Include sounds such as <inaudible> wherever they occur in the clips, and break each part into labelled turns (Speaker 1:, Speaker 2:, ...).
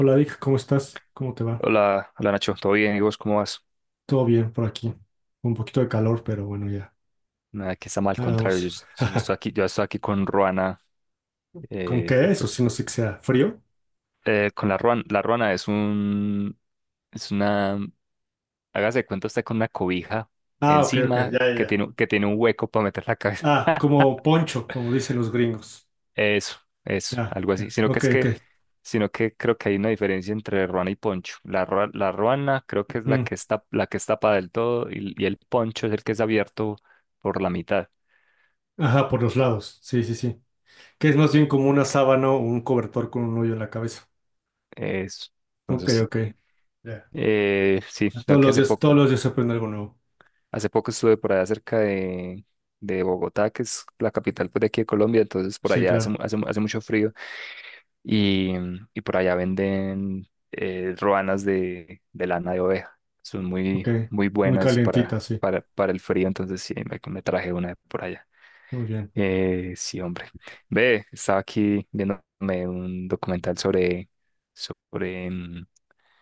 Speaker 1: Hola Vic, ¿cómo estás? ¿Cómo te va?
Speaker 2: Hola, hola Nacho, ¿todo bien? ¿Y vos cómo vas?
Speaker 1: Todo bien por aquí. Un poquito de calor, pero bueno, ya.
Speaker 2: Nada, que está mal, al
Speaker 1: Ahí
Speaker 2: contrario, yo,
Speaker 1: vamos. <laughs>
Speaker 2: yo estoy aquí con Ruana.
Speaker 1: ¿Con
Speaker 2: eh,
Speaker 1: qué eso?
Speaker 2: por-
Speaker 1: Si no sé que sea frío.
Speaker 2: con la Ruana es un, es una, hágase de cuenta usted con una cobija
Speaker 1: Ah, ok, ok,
Speaker 2: encima
Speaker 1: ya, ya,
Speaker 2: que
Speaker 1: ya.
Speaker 2: tiene un hueco para meter la cabeza.
Speaker 1: Ah, como poncho, como dicen los gringos.
Speaker 2: <laughs> eso, eso,
Speaker 1: Ya,
Speaker 2: algo así,
Speaker 1: ya.
Speaker 2: sino que
Speaker 1: Ok,
Speaker 2: es que,
Speaker 1: ok.
Speaker 2: sino que creo que hay una diferencia entre Ruana y Poncho. La la Ruana creo que es
Speaker 1: Mm.
Speaker 2: la que está para del todo, y el Poncho es el que es abierto por la mitad,
Speaker 1: Ajá, por los lados. Sí, sí, sí. Que es más bien como una sábana o un cobertor con un hoyo en la cabeza.
Speaker 2: eso.
Speaker 1: Ok,
Speaker 2: Entonces,
Speaker 1: ok. Ya.
Speaker 2: Sí. la que hace poco,
Speaker 1: Todos los días se aprende algo nuevo.
Speaker 2: Hace poco estuve por allá cerca de Bogotá, que es la capital, pues, de aquí de Colombia. Entonces por
Speaker 1: Sí,
Speaker 2: allá
Speaker 1: claro.
Speaker 2: hace mucho frío, y, y por allá venden roanas de lana de oveja. Son muy,
Speaker 1: Ok.
Speaker 2: muy
Speaker 1: Muy
Speaker 2: buenas
Speaker 1: calientita,
Speaker 2: para,
Speaker 1: sí.
Speaker 2: para, para el frío. Entonces sí, me traje una de por allá.
Speaker 1: Muy bien.
Speaker 2: Sí, hombre. Ve, estaba aquí viéndome un documental sobre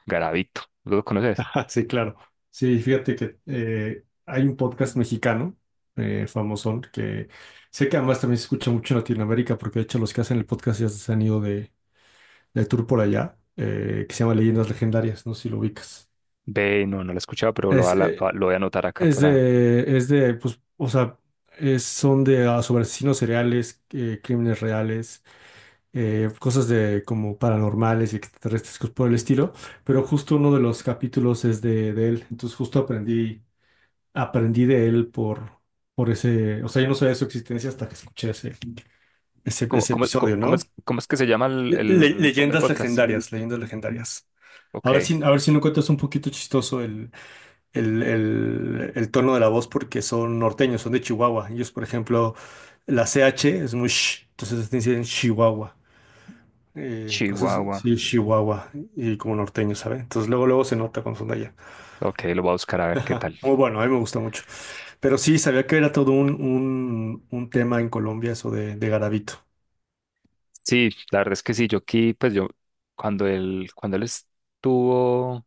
Speaker 2: Garavito. ¿Lo
Speaker 1: <laughs>
Speaker 2: conoces?
Speaker 1: Ajá, sí, claro. Sí, fíjate que hay un podcast mexicano, famosón, que sé que además también se escucha mucho en Latinoamérica, porque de hecho los que hacen el podcast ya se han ido de tour por allá, que se llama Leyendas Legendarias, no sé si lo ubicas.
Speaker 2: Ve, no, no lo he escuchado, pero
Speaker 1: Es, eh,
Speaker 2: lo voy a anotar acá para...
Speaker 1: es de, pues, o sea, son de ah, sobre asesinos seriales, crímenes reales, cosas de como paranormales y extraterrestres, cosas por el estilo, pero justo uno de los capítulos es de él, entonces justo aprendí. Aprendí de él por ese, o sea, yo no sabía de su existencia hasta que escuché ese, ese,
Speaker 2: ¿Cómo,
Speaker 1: ese
Speaker 2: cómo,
Speaker 1: episodio,
Speaker 2: cómo, cómo
Speaker 1: ¿no?
Speaker 2: es, cómo es que se llama el, el, po- el
Speaker 1: Leyendas
Speaker 2: podcast?
Speaker 1: legendarias, leyendas legendarias.
Speaker 2: Ok.
Speaker 1: A ver si no cuentas un poquito chistoso el, el tono de la voz porque son norteños, son de Chihuahua. Ellos, por ejemplo, la CH es muy sh, entonces te dicen Chihuahua. Cosas,
Speaker 2: Chihuahua.
Speaker 1: sí, Chihuahua, y como norteño, ¿sabe? Entonces luego, luego se nota cuando son de allá.
Speaker 2: Ok, lo voy a buscar a ver qué
Speaker 1: Ah,
Speaker 2: tal.
Speaker 1: muy bueno, a mí me gusta mucho. Pero sí, sabía que era todo un, un tema en Colombia eso de Garavito.
Speaker 2: Sí, la verdad es que sí. Yo aquí, pues yo, cuando él estuvo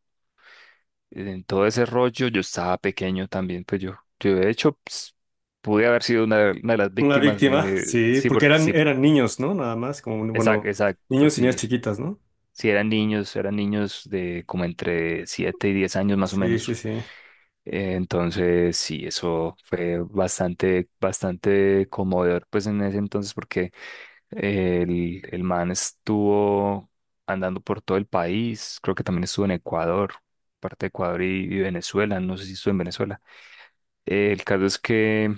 Speaker 2: en todo ese rollo, yo estaba pequeño también. Pues yo, de hecho, pues, pude haber sido de una de las
Speaker 1: Una
Speaker 2: víctimas,
Speaker 1: víctima,
Speaker 2: de,
Speaker 1: sí,
Speaker 2: sí,
Speaker 1: porque
Speaker 2: porque
Speaker 1: eran,
Speaker 2: sí,
Speaker 1: eran niños, ¿no? Nada más, como, bueno,
Speaker 2: exacto,
Speaker 1: niños y niñas
Speaker 2: sí,
Speaker 1: chiquitas, ¿no?
Speaker 2: sí, eran niños de como entre 7 y 10 años, más o
Speaker 1: Sí, sí,
Speaker 2: menos.
Speaker 1: sí,
Speaker 2: Entonces, sí, eso fue bastante, bastante conmovedor, pues en ese entonces, porque el man estuvo andando por todo el país. Creo que también estuvo en Ecuador, parte de Ecuador y Venezuela. No sé si estuvo en Venezuela. El caso es que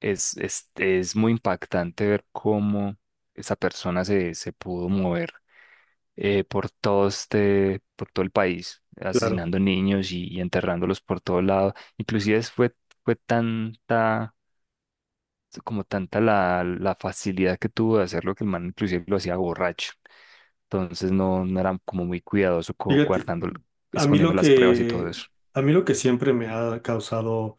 Speaker 2: es muy impactante ver cómo esa persona se pudo mover, por todo el país,
Speaker 1: claro.
Speaker 2: asesinando niños, y enterrándolos por todo lado. Inclusive fue tanta, como tanta la facilidad que tuvo de hacerlo, que el man inclusive lo hacía borracho. Entonces no, no era como muy cuidadoso,
Speaker 1: Fíjate,
Speaker 2: guardando,
Speaker 1: a mí
Speaker 2: escondiendo
Speaker 1: lo
Speaker 2: las pruebas y todo
Speaker 1: que,
Speaker 2: eso.
Speaker 1: a mí lo que siempre me ha causado,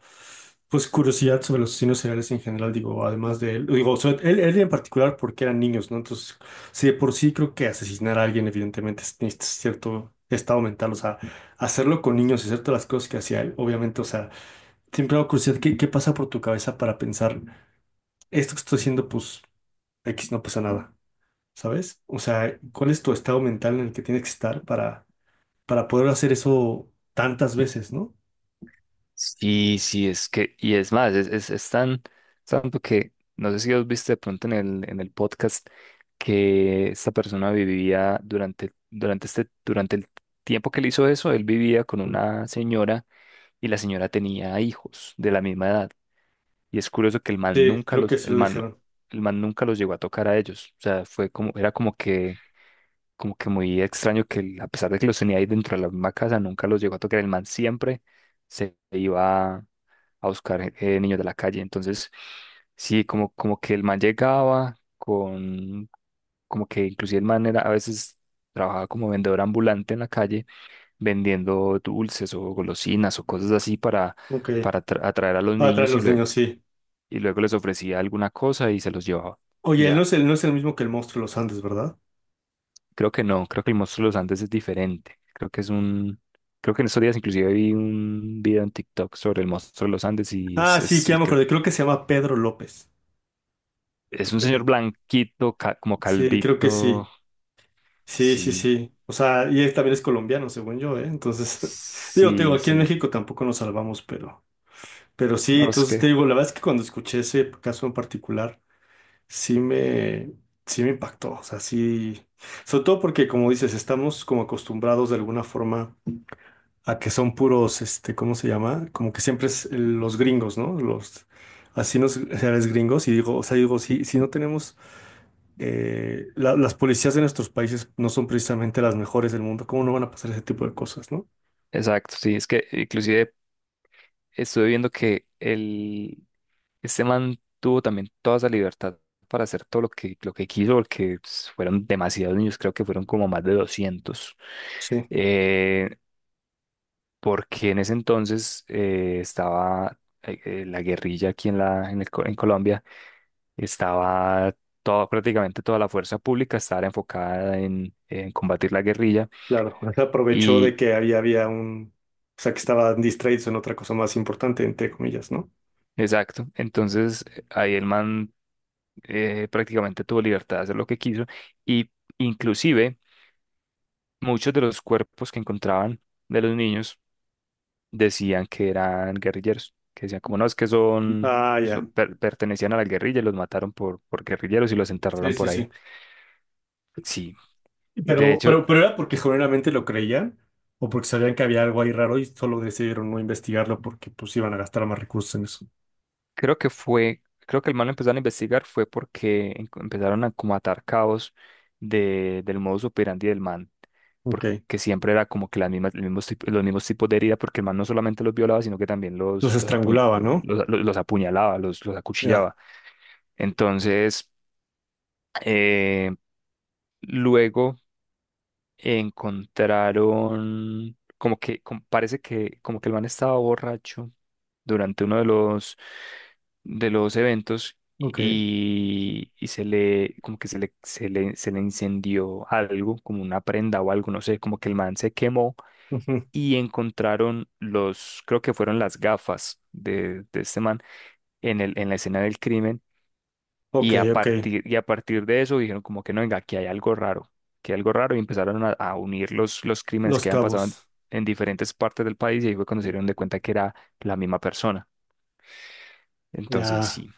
Speaker 1: pues, curiosidad sobre los asesinos seriales en general, digo, además de él, digo, sobre él, él en particular porque eran niños, ¿no? Entonces, sí, de por sí creo que asesinar a alguien, evidentemente, necesitas cierto estado mental, o sea, hacerlo con niños y hacer todas las cosas que hacía él, obviamente, o sea, siempre me da curiosidad, ¿qué, qué pasa por tu cabeza para pensar, esto que estoy haciendo, pues, X no pasa nada, ¿sabes? O sea, ¿cuál es tu estado mental en el que tienes que estar para poder hacer eso tantas veces, ¿no?
Speaker 2: Sí, sí, es que, y es más, es tan, tanto que, no sé si os viste de pronto en el, podcast, que esta persona vivía durante el tiempo que él hizo eso. Él vivía con una señora y la señora tenía hijos de la misma edad. Y es curioso que
Speaker 1: Sí, creo que sí lo dijeron.
Speaker 2: el man nunca los llegó a tocar a ellos. O sea, fue como, era como que muy extraño que él, a pesar de que los tenía ahí dentro de la misma casa, nunca los llegó a tocar. El man siempre se iba a buscar, niños de la calle. Entonces, sí, como que el man llegaba con, como que inclusive el man era, a veces, trabajaba como vendedor ambulante en la calle, vendiendo dulces o golosinas o cosas así,
Speaker 1: Ok.
Speaker 2: atraer a los
Speaker 1: Ah, traen
Speaker 2: niños,
Speaker 1: los niños, sí.
Speaker 2: y luego les ofrecía alguna cosa y se los llevaba. Y
Speaker 1: Oye, él no
Speaker 2: ya,
Speaker 1: es el, no es el mismo que el monstruo de los Andes, ¿verdad?
Speaker 2: creo que no. Creo que el monstruo de los Andes es diferente. Creo que es un... Creo que en estos días inclusive vi un video en TikTok sobre el monstruo de los Andes, y
Speaker 1: Ah, sí, que
Speaker 2: sí,
Speaker 1: ya me
Speaker 2: creo.
Speaker 1: acordé. Creo que se llama Pedro López.
Speaker 2: Es un señor
Speaker 1: El-
Speaker 2: blanquito, como
Speaker 1: Sí, creo que
Speaker 2: calvito.
Speaker 1: sí. Sí, sí,
Speaker 2: Sí,
Speaker 1: sí. O sea, y él también es colombiano, según yo, ¿eh? Entonces, <laughs> digo, te digo,
Speaker 2: sí,
Speaker 1: aquí en
Speaker 2: sí.
Speaker 1: México tampoco nos salvamos, pero sí,
Speaker 2: No, es
Speaker 1: entonces
Speaker 2: que,
Speaker 1: te digo, la verdad es que cuando escuché ese caso en particular, sí me, sí me impactó. O sea, sí, sobre todo porque, como dices, estamos como acostumbrados de alguna forma a que son puros, este, ¿cómo se llama? Como que siempre es los gringos, ¿no? Los, así nos, o sea, los gringos, y digo, o sea, digo, sí, sí no tenemos las policías de nuestros países no son precisamente las mejores del mundo. ¿Cómo no van a pasar ese tipo de cosas, no?
Speaker 2: exacto, sí. Es que inclusive estuve viendo que este man tuvo también toda esa libertad para hacer todo lo que quiso, porque, pues, fueron demasiados niños, creo que fueron como más de 200.
Speaker 1: Sí,
Speaker 2: Eh, Porque en ese entonces, estaba la guerrilla aquí en, la, en, el co- en Colombia. Estaba toda, prácticamente toda la fuerza pública estaba enfocada en combatir la guerrilla.
Speaker 1: claro, se aprovechó
Speaker 2: Y
Speaker 1: de que había, había un, o sea, que estaban distraídos en otra cosa más importante, entre comillas, ¿no?
Speaker 2: exacto, entonces, ahí el man, prácticamente tuvo libertad de hacer lo que quiso. Y inclusive muchos de los cuerpos que encontraban de los niños decían que eran guerrilleros, que decían como no, es que son,
Speaker 1: Ah, ya.
Speaker 2: pertenecían a la guerrilla, y los mataron por guerrilleros, y los
Speaker 1: Sí,
Speaker 2: enterraron
Speaker 1: sí,
Speaker 2: por ahí.
Speaker 1: sí.
Speaker 2: Sí. Y de hecho,
Speaker 1: Pero era porque generalmente lo creían o porque sabían que había algo ahí raro y solo decidieron no investigarlo porque pues iban a gastar más recursos en eso.
Speaker 2: creo que el mal lo empezaron a investigar, fue porque empezaron a como atar cabos de, del modus operandi del man,
Speaker 1: Ok.
Speaker 2: porque siempre era como que las mismas, los mismos, tip- los mismos tipos de herida, porque el man no solamente los violaba, sino que también los,
Speaker 1: Los
Speaker 2: los, apuña-
Speaker 1: estrangulaba, ¿no?
Speaker 2: los, los- los apuñalaba, los
Speaker 1: Ya.
Speaker 2: acuchillaba. Entonces, eh, luego encontraron, parece que como que el man estaba borracho durante uno de los eventos,
Speaker 1: Ok.
Speaker 2: y se le, como que se le, se le, se le incendió algo, como una prenda o algo, no sé, como que el man se quemó,
Speaker 1: Ujú.
Speaker 2: y encontraron los, creo que fueron las gafas de este man en el, en la escena del crimen, y
Speaker 1: Ok,
Speaker 2: a
Speaker 1: ok.
Speaker 2: partir, y a partir de eso dijeron como que no, venga, aquí hay algo raro, que algo raro, y empezaron a unir los crímenes
Speaker 1: Los
Speaker 2: que habían pasado en,
Speaker 1: cabos.
Speaker 2: en diferentes partes del país. Y ahí fue cuando se dieron de cuenta que era la misma persona. Entonces,
Speaker 1: Ya.
Speaker 2: sí.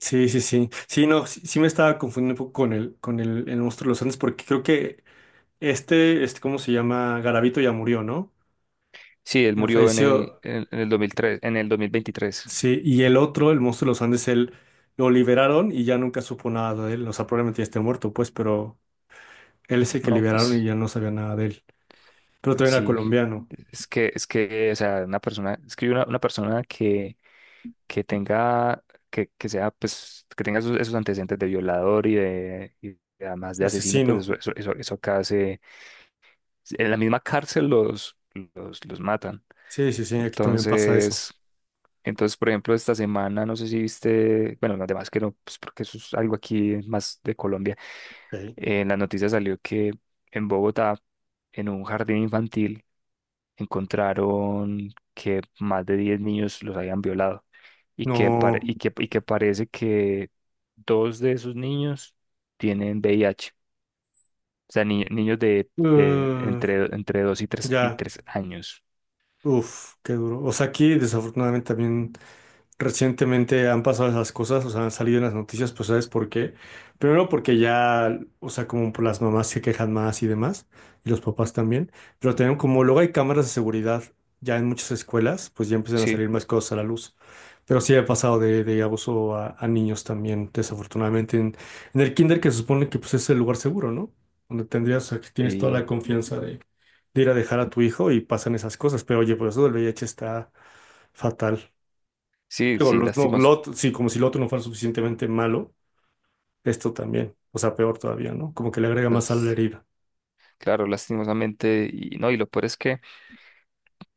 Speaker 1: Sí, sí, sí. Sí, no, sí, sí me estaba confundiendo un poco con el monstruo de los Andes, porque creo que este, ¿cómo se llama? Garavito ya murió, ¿no?
Speaker 2: Sí, él
Speaker 1: Ya
Speaker 2: murió en el,
Speaker 1: falleció.
Speaker 2: en el 2003, en el 2023.
Speaker 1: Sí, y el otro, el monstruo de los Andes, él lo liberaron y ya nunca supo nada de él. O sea, probablemente ya esté muerto, pues, pero él es el que
Speaker 2: No,
Speaker 1: liberaron y
Speaker 2: pues
Speaker 1: ya no sabía nada de él. Pero también era
Speaker 2: sí,
Speaker 1: colombiano,
Speaker 2: es que, o sea, una persona, es que una persona que tenga, que sea, pues, que tenga esos antecedentes de violador y, de además de asesino, pues
Speaker 1: asesino.
Speaker 2: eso acá se, en la misma cárcel los matan.
Speaker 1: Sí, sí, sí, aquí también pasa eso.
Speaker 2: Entonces, por ejemplo, esta semana, no sé si viste, bueno, además que no, pues porque eso es algo aquí más de Colombia.
Speaker 1: Ok.
Speaker 2: En la noticia salió que en Bogotá, en un jardín infantil, encontraron que más de 10 niños los habían violado,
Speaker 1: No.
Speaker 2: y que parece que dos de esos niños tienen VIH. O sea, niños de
Speaker 1: eh,
Speaker 2: entre dos y tres y
Speaker 1: ya.
Speaker 2: tres años.
Speaker 1: Uf, qué duro. O sea, aquí desafortunadamente también. Recientemente han pasado esas cosas, o sea, han salido en las noticias, pues ¿sabes por qué? Primero porque ya, o sea, como por las mamás se quejan más y demás, y los papás también, pero también como luego hay cámaras de seguridad ya en muchas escuelas, pues ya empiezan a
Speaker 2: Sí,
Speaker 1: salir más cosas a la luz. Pero sí ha pasado de abuso a niños también, desafortunadamente, en el kinder que se supone que pues es el lugar seguro, ¿no? Donde tendrías, o sea, que tienes toda la
Speaker 2: y
Speaker 1: confianza de ir a dejar a tu hijo y pasan esas cosas, pero oye, por eso del VIH está fatal.
Speaker 2: sí,
Speaker 1: Digo,
Speaker 2: sí,
Speaker 1: los, no, Lot, sí, como si lo otro no fuera suficientemente malo, esto también, o sea, peor todavía, ¿no? Como que le agrega más sal a la
Speaker 2: las-
Speaker 1: herida.
Speaker 2: claro, lastimosamente. Y no, y lo peor es que,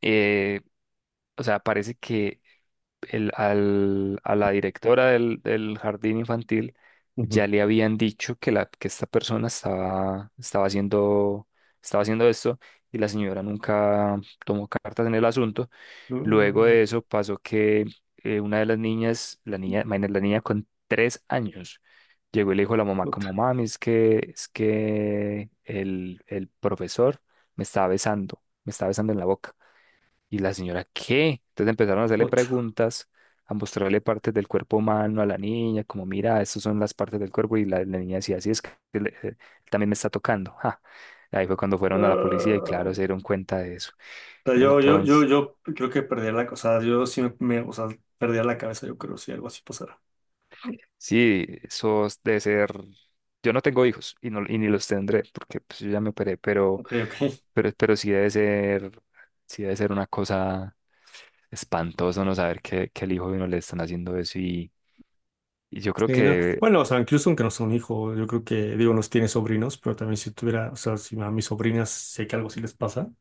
Speaker 2: eh, o sea, parece que a la directora del jardín infantil
Speaker 1: Ujú.
Speaker 2: ya le habían dicho que, que esta persona estaba, estaba haciendo esto, y la señora nunca tomó cartas en el asunto. Luego
Speaker 1: Mm,
Speaker 2: de eso pasó que, una de las niñas, la niña, imagínate, la niña con 3 años, llegó y le dijo a la mamá, como,
Speaker 1: otra,
Speaker 2: mami, es que, el profesor me estaba besando en la boca. Y la señora, ¿qué? Entonces empezaron a hacerle
Speaker 1: otra.
Speaker 2: preguntas, a mostrarle partes del cuerpo humano a la niña, como, mira, estas son las partes del cuerpo. Y la niña decía, así es que él también me está tocando. Ja. Ahí fue cuando fueron a la policía, y
Speaker 1: Ah.
Speaker 2: claro, se dieron cuenta de eso.
Speaker 1: O sea,
Speaker 2: Entonces,
Speaker 1: yo creo que perdería la, o sea, yo sí me, o sea, perdería la cabeza, yo creo, si algo así pasara.
Speaker 2: sí, eso debe ser... Yo no tengo hijos, y no, y ni los tendré porque, pues, yo ya me operé.
Speaker 1: Ok, ok.
Speaker 2: Pero, sí debe ser una cosa espantoso, no saber que, el hijo de uno le están haciendo eso, y yo creo
Speaker 1: Sí, no.
Speaker 2: que...
Speaker 1: Bueno, o sea, incluso aunque no sea un hijo, yo creo que, digo, nos tiene sobrinos, pero también si tuviera, o sea, si a mis sobrinas sé que algo sí les pasa,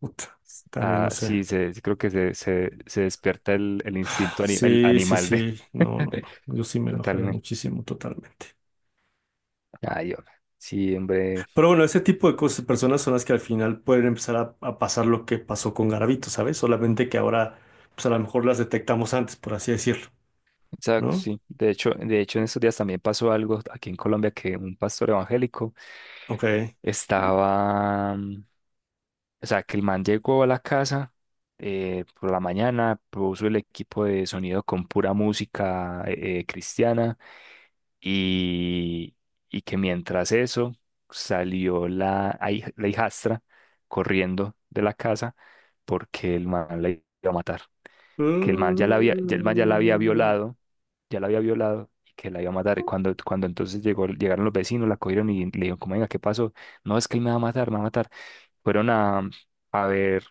Speaker 1: puta, también no
Speaker 2: Ah,
Speaker 1: sé.
Speaker 2: sí, se, creo que se despierta el instinto ani- el
Speaker 1: Sí, sí,
Speaker 2: animal de...
Speaker 1: sí. No, no,
Speaker 2: <laughs>
Speaker 1: no. Yo sí me enojaría
Speaker 2: Totalmente.
Speaker 1: muchísimo, totalmente.
Speaker 2: Ay, hombre. Sí, hombre.
Speaker 1: Pero bueno, ese tipo de cosas, personas son las que al final pueden empezar a pasar lo que pasó con Garavito, ¿sabes? Solamente que ahora, pues a lo mejor las detectamos antes, por así decirlo,
Speaker 2: Exacto,
Speaker 1: ¿no?
Speaker 2: sí. De hecho, en estos días también pasó algo aquí en Colombia, que un pastor evangélico
Speaker 1: Ok.
Speaker 2: estaba, o sea, que el man llegó a la casa, por la mañana, puso el equipo de sonido con pura música, cristiana. y, y que mientras eso salió la hijastra corriendo de la casa, porque el man la iba a matar, que el man ya la había
Speaker 1: Mm,
Speaker 2: violado, y que la iba a matar. Y cuando entonces llegó, llegaron los vecinos, la cogieron y le dijeron, como, venga, ¿qué pasó? No, es que él me va a matar, me va a matar. Fueron a ver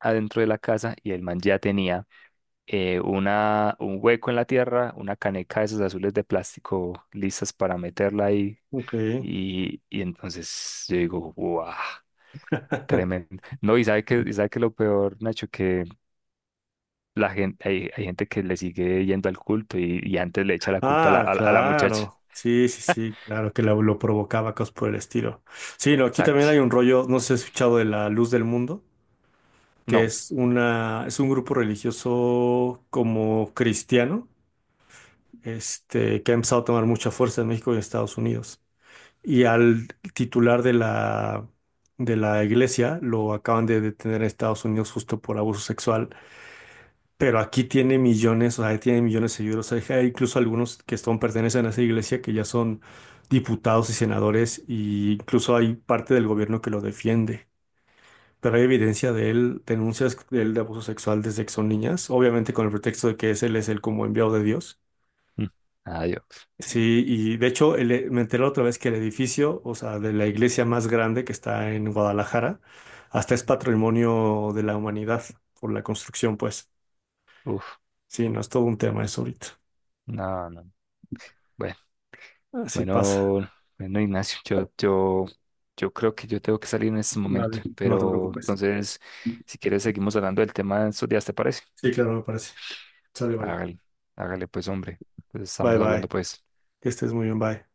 Speaker 2: adentro de la casa, y el man ya tenía, una, un hueco en la tierra, una caneca de esas azules de plástico listas para meterla ahí.
Speaker 1: ok.
Speaker 2: Y entonces yo digo, ¡guau! Tremendo.
Speaker 1: <laughs>
Speaker 2: No, y sabe que, lo peor, Nacho, que la gente, hay gente que le sigue yendo al culto, y antes le echa la culpa a la,
Speaker 1: Ah,
Speaker 2: a la muchacha.
Speaker 1: claro. Sí, sí, sí, claro que lo provocaba, cosas por el estilo. Sí, no, aquí también
Speaker 2: Exacto.
Speaker 1: hay un rollo, no sé si has escuchado de la luz del mundo. Que
Speaker 2: No.
Speaker 1: es una, es un grupo religioso como cristiano, este, que ha empezado a tomar mucha fuerza en México y en Estados Unidos. Y al titular de la iglesia lo acaban de detener en Estados Unidos justo por abuso sexual, pero aquí tiene millones, o sea, tiene millones de seguidores. O hay incluso algunos que son, pertenecen a esa iglesia que ya son diputados y senadores, e incluso hay parte del gobierno que lo defiende, pero hay evidencia de él, denuncias de él de abuso sexual desde que son niñas, obviamente con el pretexto de que es él es el como enviado de Dios.
Speaker 2: Mm. Adiós.
Speaker 1: Sí, y de hecho me enteré otra vez que el edificio, o sea, de la iglesia más grande que está en Guadalajara, hasta es patrimonio de la humanidad por la construcción, pues.
Speaker 2: Uf,
Speaker 1: Sí, no es todo un tema eso ahorita.
Speaker 2: no, no. Bueno,
Speaker 1: Así pasa.
Speaker 2: bueno, bueno, Ignacio, yo creo que yo tengo que salir en este momento,
Speaker 1: Vale, no te
Speaker 2: pero
Speaker 1: preocupes.
Speaker 2: entonces, si quieres, seguimos hablando del tema en estos días, ¿te parece?
Speaker 1: Sí, claro, me parece. Sale, vale.
Speaker 2: Hágale, hágale, pues, hombre. Pues
Speaker 1: Bye,
Speaker 2: estamos hablando,
Speaker 1: bye.
Speaker 2: pues.
Speaker 1: Que estés muy bien, bye.